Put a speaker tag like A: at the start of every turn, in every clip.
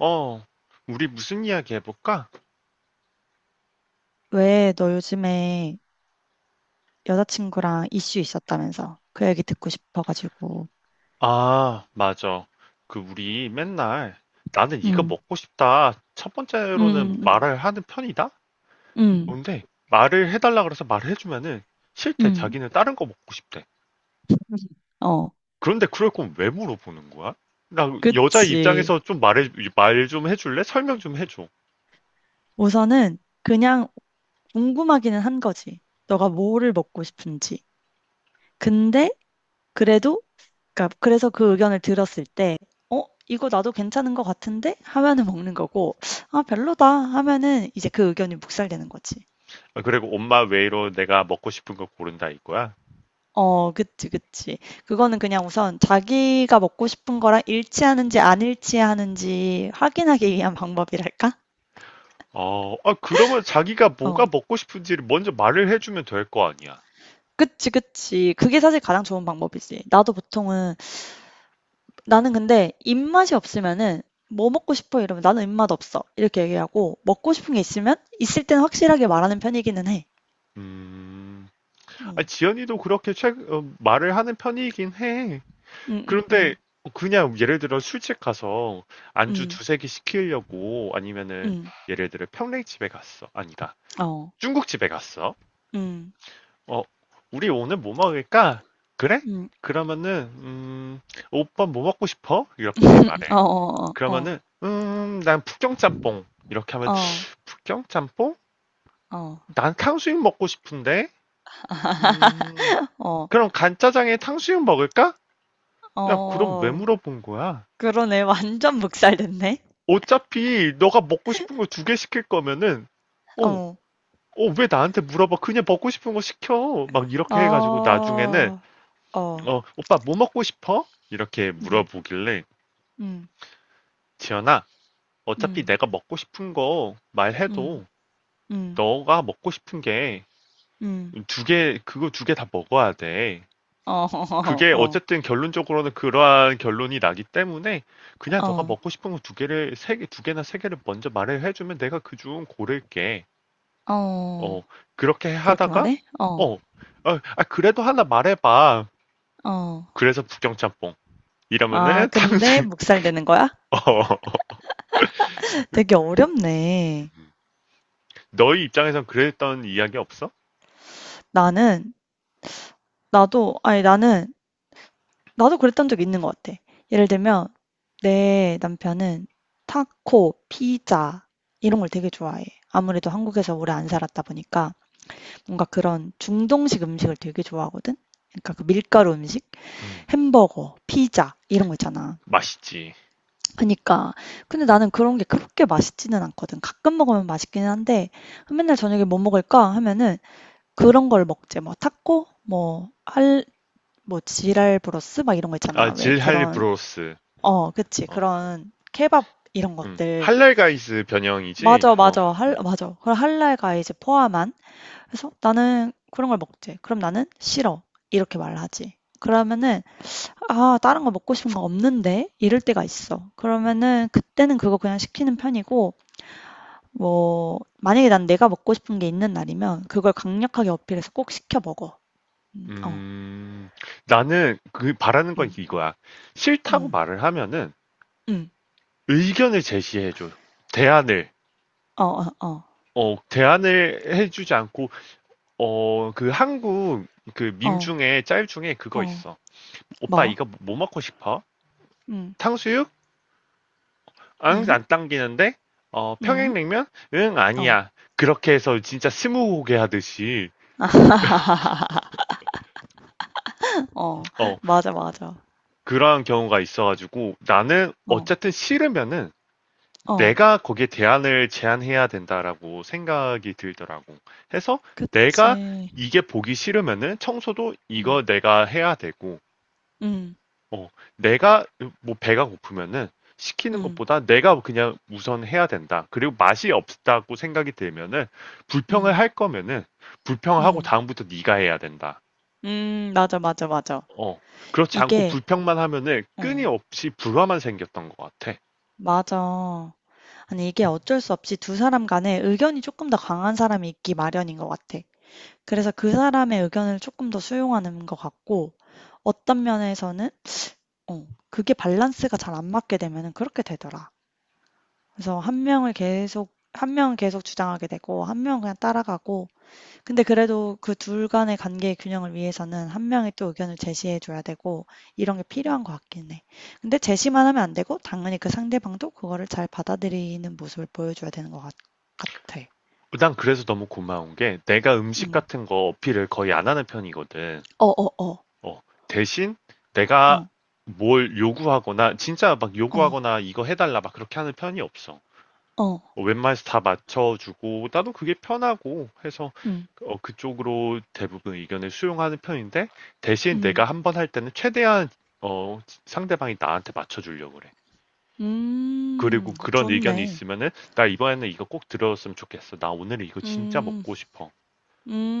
A: 어, 우리 무슨 이야기 해볼까?
B: 왜 너 요즘에 여자친구랑 이슈 있었다면서 그 얘기 듣고 싶어가지고.
A: 아, 맞아. 그, 우리 맨날 나는 이거
B: 응,
A: 먹고 싶다. 첫
B: 응
A: 번째로는
B: 응
A: 말을 하는 편이다?
B: 응
A: 근데 말을 해달라 그래서 말을 해주면은 싫대.
B: 응,
A: 자기는 다른 거 먹고 싶대.
B: 어.
A: 그런데 그럴 거면 왜 물어보는 거야? 나 여자
B: 그치.
A: 입장에서 좀 말해, 말 좀 해줄래? 설명 좀 해줘.
B: 우선은 그냥 궁금하기는 한 거지. 너가 뭐를 먹고 싶은지. 근데 그래도 그러니까 그래서 그 의견을 들었을 때 어, 이거 나도 괜찮은 것 같은데 하면은 먹는 거고, 아, 별로다 하면은 이제 그 의견이 묵살되는 거지.
A: 아, 그리고 엄마 외로 내가 먹고 싶은 거 고른다 이거야?
B: 어 그치, 그치. 그거는 그냥 우선 자기가 먹고 싶은 거랑 일치하는지 안 일치하는지 확인하기 위한 방법이랄까?
A: 어, 아, 그러면 자기가
B: 어.
A: 뭐가 먹고 싶은지를 먼저 말을 해주면 될 거 아니야.
B: 그치, 그치. 그게 사실 가장 좋은 방법이지. 나도 보통은 나는 근데 입맛이 없으면은 "뭐 먹고 싶어?" 이러면 "나는 입맛 없어." 이렇게 얘기하고, 먹고 싶은 게 있으면 있을 때는 확실하게 말하는 편이기는 해.
A: 음, 아,
B: 응,
A: 지연이도 그렇게 말을 하는 편이긴 해.
B: 응, 응,
A: 그런데
B: 응,
A: 그냥 예를 들어 술집 가서 안주
B: 응.
A: 두세 개 시키려고 아니면은
B: 응,
A: 예를 들어 평냉집에 갔어. 아니다.
B: 어.
A: 중국집에 갔어.
B: 응,
A: 어, 우리 오늘 뭐 먹을까? 그래?
B: 응,
A: 그러면은 오빠 뭐 먹고 싶어? 이렇게
B: 어
A: 말해.
B: 어어어. 어.
A: 그러면은 난 북경짬뽕. 이렇게 하면
B: 어.
A: 북경짬뽕?
B: 어.
A: 난 탕수육 먹고 싶은데. 음,
B: 어. 어,
A: 그럼 간짜장에 탕수육 먹을까?
B: 어,
A: 야, 그럼 왜
B: 어.
A: 물어본 거야?
B: 그러네. 완전 묵살됐네.
A: 어차피 너가 먹고 싶은 거 두 개 시킬 거면은, 어,
B: 어.
A: 어, 왜 나한테 물어봐? 그냥 먹고 싶은 거 시켜. 막 이렇게 해가지고
B: 아.
A: 나중에는,
B: 어.
A: 어, 오빠 뭐 먹고 싶어? 이렇게
B: 음.
A: 물어보길래,
B: 음.
A: 지연아, 어차피
B: 음.
A: 내가 먹고 싶은 거
B: 음.
A: 말해도
B: 음.
A: 너가 먹고 싶은 게
B: 음.
A: 두 개, 그거 두 개 다 먹어야 돼.
B: 어.
A: 그게
B: 어.
A: 어쨌든 결론적으로는 그러한 결론이 나기 때문에 그냥 너가
B: 어.
A: 먹고 싶은 거 두 개를 두 개나 세 개를 먼저 말을 해주면 내가 그 중 고를게. 어,
B: 어.
A: 그렇게
B: 그렇게
A: 하다가
B: 말해? 어.
A: 어, 어, 아, 그래도 하나 말해봐.
B: 어.
A: 그래서 북경짬뽕
B: 아,
A: 이러면은
B: 근데
A: 탕수육.
B: 묵살되는 거야?
A: 어,
B: 되게 어렵네.
A: 너희 입장에선 그랬던 이야기 없어?
B: 나는 나도 아니 나는 나도 그랬던 적 있는 것 같아. 예를 들면 내 남편은 타코, 피자 이런 걸 되게 좋아해. 아무래도 한국에서 오래 안 살았다 보니까. 뭔가 그런 중동식 음식을 되게 좋아하거든? 그러니까 그 밀가루 음식,
A: 음,
B: 햄버거, 피자 이런 거 있잖아.
A: 맛있지.
B: 그러니까 근데 나는 그런 게 그렇게 맛있지는 않거든. 가끔 먹으면 맛있기는 한데 맨날 저녁에 뭐 먹을까 하면은 그런 걸 먹지. 뭐 타코, 뭐 지랄 브로스 막 이런 거
A: 아,
B: 있잖아. 왜
A: 질할
B: 그런.
A: 브로스.
B: 어, 그치.
A: 어,
B: 그런 케밥 이런 것들.
A: 할랄 가이스 변형이지.
B: 맞아,
A: 어,
B: 맞아.
A: 음.
B: 맞아. 그 할랄가 이제 포함한. 그래서 "나는 그런 걸 먹지." 그럼 "나는 싫어." 이렇게 말을 하지. 그러면은 "아, 다른 거 먹고 싶은 거 없는데." 이럴 때가 있어. 그러면은 그때는 그거 그냥 시키는 편이고, 뭐 만약에 난 내가 먹고 싶은 게 있는 날이면 그걸 강력하게 어필해서 꼭 시켜 먹어. 어.
A: 음, 나는 그 바라는 건
B: 음.
A: 이거야. 싫다고
B: 음.
A: 말을 하면은
B: 음.
A: 의견을 제시해줘. 대안을.
B: 어어 어.
A: 어, 대안을 해주지 않고, 어, 그 한국 그
B: 어.
A: 밈
B: 어.
A: 중에 짤 중에 그거
B: 어,
A: 있어. 오빠
B: "뭐?"
A: 이거 뭐 먹고 싶어?
B: "음.
A: 탕수육? 응,
B: 음.
A: 안 당기는데? 어,
B: 음.
A: 평양냉면? 응,
B: 어."
A: 아니야. 그렇게 해서 진짜 스무고개 하듯이,
B: 어.
A: 어,
B: 맞아, 맞아.
A: 그러한 경우가 있어가지고 나는
B: 어.
A: 어쨌든 싫으면은
B: 어.
A: 내가 거기에 대안을 제안해야 된다라고 생각이 들더라고. 해서 내가
B: 그치.
A: 이게 보기 싫으면은 청소도
B: 음.
A: 이거 내가 해야 되고,
B: 음.
A: 어, 내가 뭐 배가 고프면은 시키는
B: 음.
A: 것보다 내가 그냥 우선 해야 된다. 그리고 맛이 없다고 생각이 들면은 불평을
B: 음,
A: 할 거면은 불평하고
B: 음,
A: 다음부터 네가 해야 된다.
B: 맞아, 맞아, 맞아.
A: 어, 그렇지 않고
B: 이게,
A: 불평만 하면은
B: 어,
A: 끊임없이 불화만 생겼던 것 같아.
B: 맞아. 아니, 이게 어쩔 수 없이 두 사람 간에 의견이 조금 더 강한 사람이 있기 마련인 것 같아. 그래서 그 사람의 의견을 조금 더 수용하는 것 같고, 어떤 면에서는, 어, 그게 밸런스가 잘 안 맞게 되면은 그렇게 되더라. 그래서 한 명을 계속, 한 명은 계속 주장하게 되고, 한 명은 그냥 따라가고, 근데 그래도 그 둘 간의 관계의 균형을 위해서는 한 명이 또 의견을 제시해 줘야 되고 이런 게 필요한 것 같긴 해. 근데 제시만 하면 안 되고 당연히 그 상대방도 그거를 잘 받아들이는 모습을 보여줘야 되는 것 같 같아.
A: 난 그래서 너무 고마운 게 내가 음식
B: 음.
A: 같은 거 어필을 거의 안 하는 편이거든.
B: 어어어.
A: 어, 대신
B: 어.
A: 내가
B: 어.
A: 뭘 요구하거나 진짜 막 요구하거나
B: 어.
A: 이거 해달라 막 그렇게 하는 편이 없어.
B: 어, 어.
A: 어, 웬만해서 다 맞춰주고 나도 그게 편하고 해서
B: 음.
A: 어, 그쪽으로 대부분 의견을 수용하는 편인데 대신
B: 음.
A: 내가 한번 할 때는 최대한 어, 상대방이 나한테 맞춰주려고 그래.
B: 음.
A: 그리고 그런 의견이
B: 좋네.
A: 있으면은 나 이번에는 이거 꼭 들어줬으면 좋겠어. 나 오늘 이거 진짜
B: 음.
A: 먹고 싶어.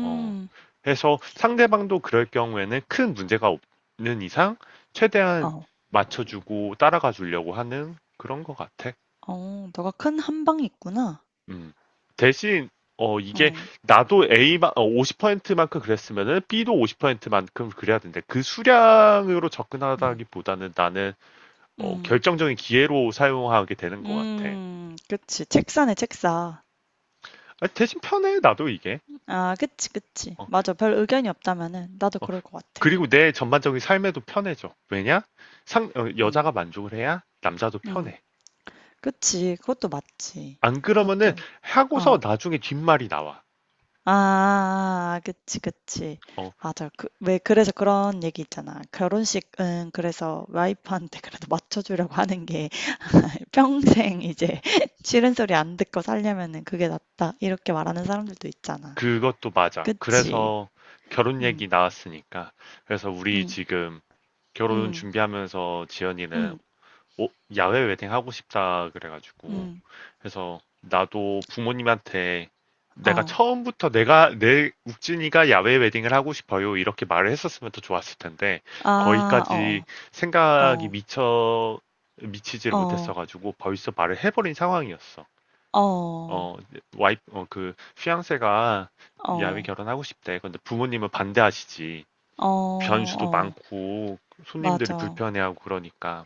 A: 어. 그래서 상대방도 그럴 경우에는 큰 문제가 없는 이상 최대한
B: 어.
A: 맞춰주고 따라가 주려고 하는 그런 것 같아.
B: 어. 너가 큰 한방이 있구나.
A: 음. 대신 이게
B: 어.
A: 나도 A만 50%만큼 그랬으면은 B도 50%만큼 그래야 되는데 그 수량으로
B: 음.
A: 접근하다기보다는 나는 어,
B: 음.
A: 결정적인 기회로 사용하게 되는 것 같아.
B: 음. 그치. 책사네 책사.
A: 아, 대신 편해 나도 이게.
B: 아, 그치, 그치.
A: 어, 어,
B: 맞아. 별 의견이 없다면은 나도 그럴 것 같아.
A: 그리고 내 전반적인 삶에도 편해져. 왜냐?
B: 어,
A: 여자가 만족을 해야 남자도
B: 음,
A: 편해.
B: 그치. 그것도 맞지.
A: 안 그러면은
B: 그것도, 어,
A: 하고서 나중에 뒷말이 나와.
B: 아, 그치, 그치.
A: 어,
B: 맞아. 그, 왜 그래서 그런 얘기 있잖아. 결혼식은 그래서 와이프한테 그래도 맞춰주려고 하는 게 평생 이제 싫은 소리 안 듣고 살려면은 그게 낫다. 이렇게 말하는 사람들도 있잖아.
A: 그것도 맞아.
B: 그치.
A: 그래서 결혼 얘기
B: 음,
A: 나왔으니까. 그래서 우리
B: 음,
A: 지금 결혼
B: 음,
A: 준비하면서 지연이는
B: 음,
A: 어, 야외 웨딩 하고 싶다 그래가지고
B: 음,
A: 그래서 나도 부모님한테
B: 어,
A: 내가 내 욱진이가 야외 웨딩을 하고 싶어요 이렇게 말을 했었으면 더 좋았을 텐데
B: 아,
A: 거기까지
B: 어,
A: 생각이
B: 어,
A: 미쳐 미치지를
B: 어.
A: 못했어가지고 벌써 말을 해버린 상황이었어. 어
B: 어.
A: 와이 어그 휘양세가 야외
B: 어.
A: 결혼하고 싶대. 근데 부모님은 반대하시지.
B: 어.
A: 변수도
B: 어.
A: 많고 손님들이
B: 맞아.
A: 불편해하고 그러니까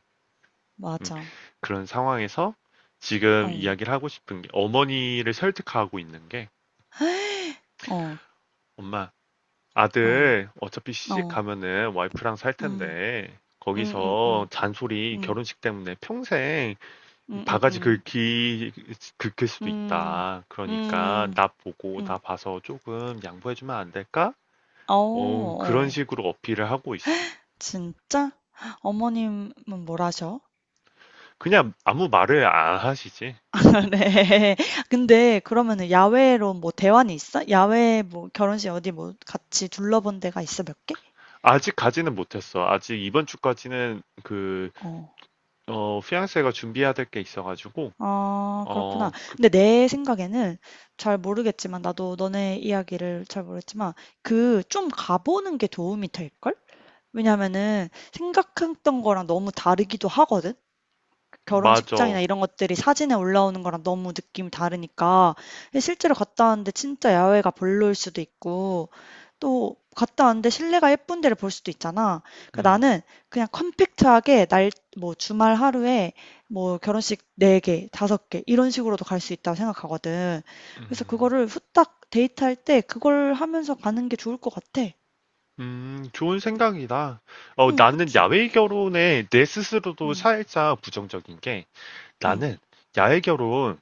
A: 음,
B: 맞아.
A: 그런 상황에서
B: 어.
A: 지금 이야기를 하고 싶은 게 어머니를 설득하고 있는 게
B: 어.
A: 엄마,
B: 어.
A: 아들 어차피 시집
B: 어.
A: 가면은 와이프랑 살
B: 음.
A: 텐데
B: 음. 음.
A: 거기서
B: 음.
A: 잔소리
B: 음.
A: 결혼식 때문에 평생
B: 음.
A: 바가지
B: 음.
A: 긁기 긁힐 수도
B: 음.
A: 있다.
B: 음.
A: 그러니까
B: 음. 음.
A: 나 봐서 조금 양보해주면 안 될까?
B: 어.
A: 어, 그런
B: 어.
A: 식으로 어필을 하고 있어.
B: 진짜? 어머님은 뭘 하셔?
A: 그냥 아무 말을 안 하시지.
B: 네. 근데 그러면은 야외로 뭐 대환이 있어? 야외 뭐 결혼식 어디 뭐 같이 둘러본 데가 있어 몇 개?
A: 아직가지는 못했어. 아직 이번 주까지는 그
B: 어.
A: 어, 피앙세가 준비해야 될 게 있어가지고,
B: 아, 그렇구나.
A: 어, 그,
B: 근데 내 생각에는 잘 모르겠지만 나도 너네 이야기를 잘 모르겠지만 그 좀 가보는 게 도움이 될걸? 왜냐면은 생각했던 거랑 너무 다르기도 하거든.
A: 맞아.
B: 결혼식장이나 이런 것들이 사진에 올라오는 거랑 너무 느낌이 다르니까 예 실제로 갔다 왔는데 진짜 야외가 별로일 수도 있고, 또 갔다 왔는데 실내가 예쁜 데를 볼 수도 있잖아. 그러니까
A: 음,
B: 나는 그냥 컴팩트하게 날 뭐 주말 하루에 뭐 결혼식 4개, 5개 이런 식으로도 갈 수 있다고 생각하거든. 그래서
A: 음,
B: 그거를 후딱 데이트할 때 그걸 하면서 가는 게 좋을 것 같아.
A: 좋은 생각이다. 어,
B: 응,
A: 나는
B: 그치.
A: 야외 결혼에 내 스스로도
B: 응,
A: 살짝 부정적인 게,
B: 응,
A: 나는 야외 결혼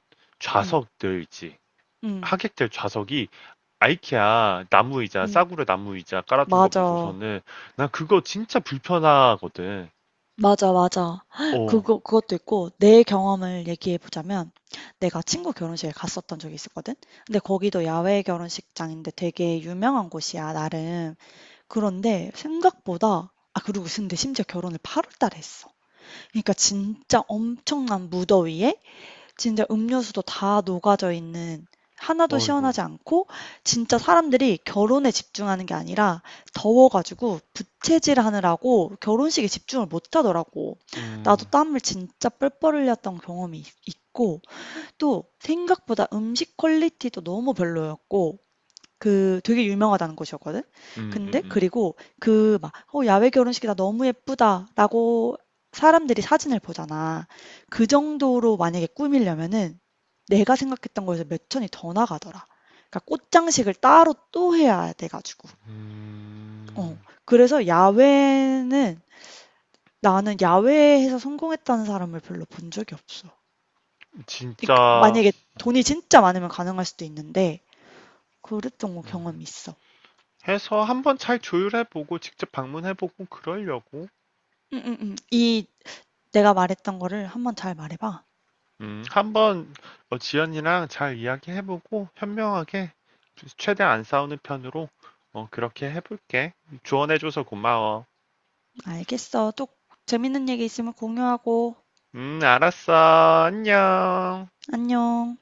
B: 응,
A: 좌석들 있지.
B: 응,
A: 하객들 좌석이 아이케아 나무 의자,
B: 응.
A: 싸구려 나무 의자 깔아둔 거
B: 맞아.
A: 보고서는, 나 그거 진짜 불편하거든.
B: 맞아, 맞아.
A: 어,
B: 그거 그것도 있고 내 경험을 얘기해 보자면 내가 친구 결혼식에 갔었던 적이 있었거든. 근데 거기도 야외 결혼식장인데 되게 유명한 곳이야, 나름. 그런데 생각보다 아, 그리고 근데 심지어 결혼을 8월 달에 했어. 그러니까 진짜 엄청난 무더위에 진짜 음료수도 다 녹아져 있는, 하나도
A: 어이구.
B: 시원하지 않고 진짜 사람들이 결혼에 집중하는 게 아니라 더워 가지고 부채질하느라고 결혼식에 집중을 못 하더라고. 나도
A: 음,
B: 땀을 진짜 뻘뻘 흘렸던 경험이 있고, 또 생각보다 음식 퀄리티도 너무 별로였고 그 되게 유명하다는 곳이었거든.
A: 음, 음,
B: 근데
A: 음.
B: 그리고 그 막 "어 야외 결혼식이다. 너무 예쁘다."라고 사람들이 사진을 보잖아. 그 정도로 만약에 꾸미려면은 내가 생각했던 거에서 몇 천이 더 나가더라. 그러니까 꽃장식을 따로 또 해야 돼 가지고. 어.
A: 음,
B: 그래서 야외는 나는 야외에서 성공했다는 사람을 별로 본 적이 없어. 그러니까
A: 진짜,
B: 만약에 돈이 진짜 많으면 가능할 수도 있는데 그랬던 거 경험이 있어.
A: 해서 한번 잘 조율해보고 직접 방문해보고 그러려고
B: 응응응 이 내가 말했던 거를 한번 잘 말해 봐.
A: 한번 어, 지연이랑 잘 이야기해보고 현명하게 최대한 안 싸우는 편으로 어, 그렇게 해볼게. 조언해줘서 고마워.
B: 알겠어. 또 재밌는 얘기 있으면 공유하고.
A: 알았어. 안녕.
B: 안녕.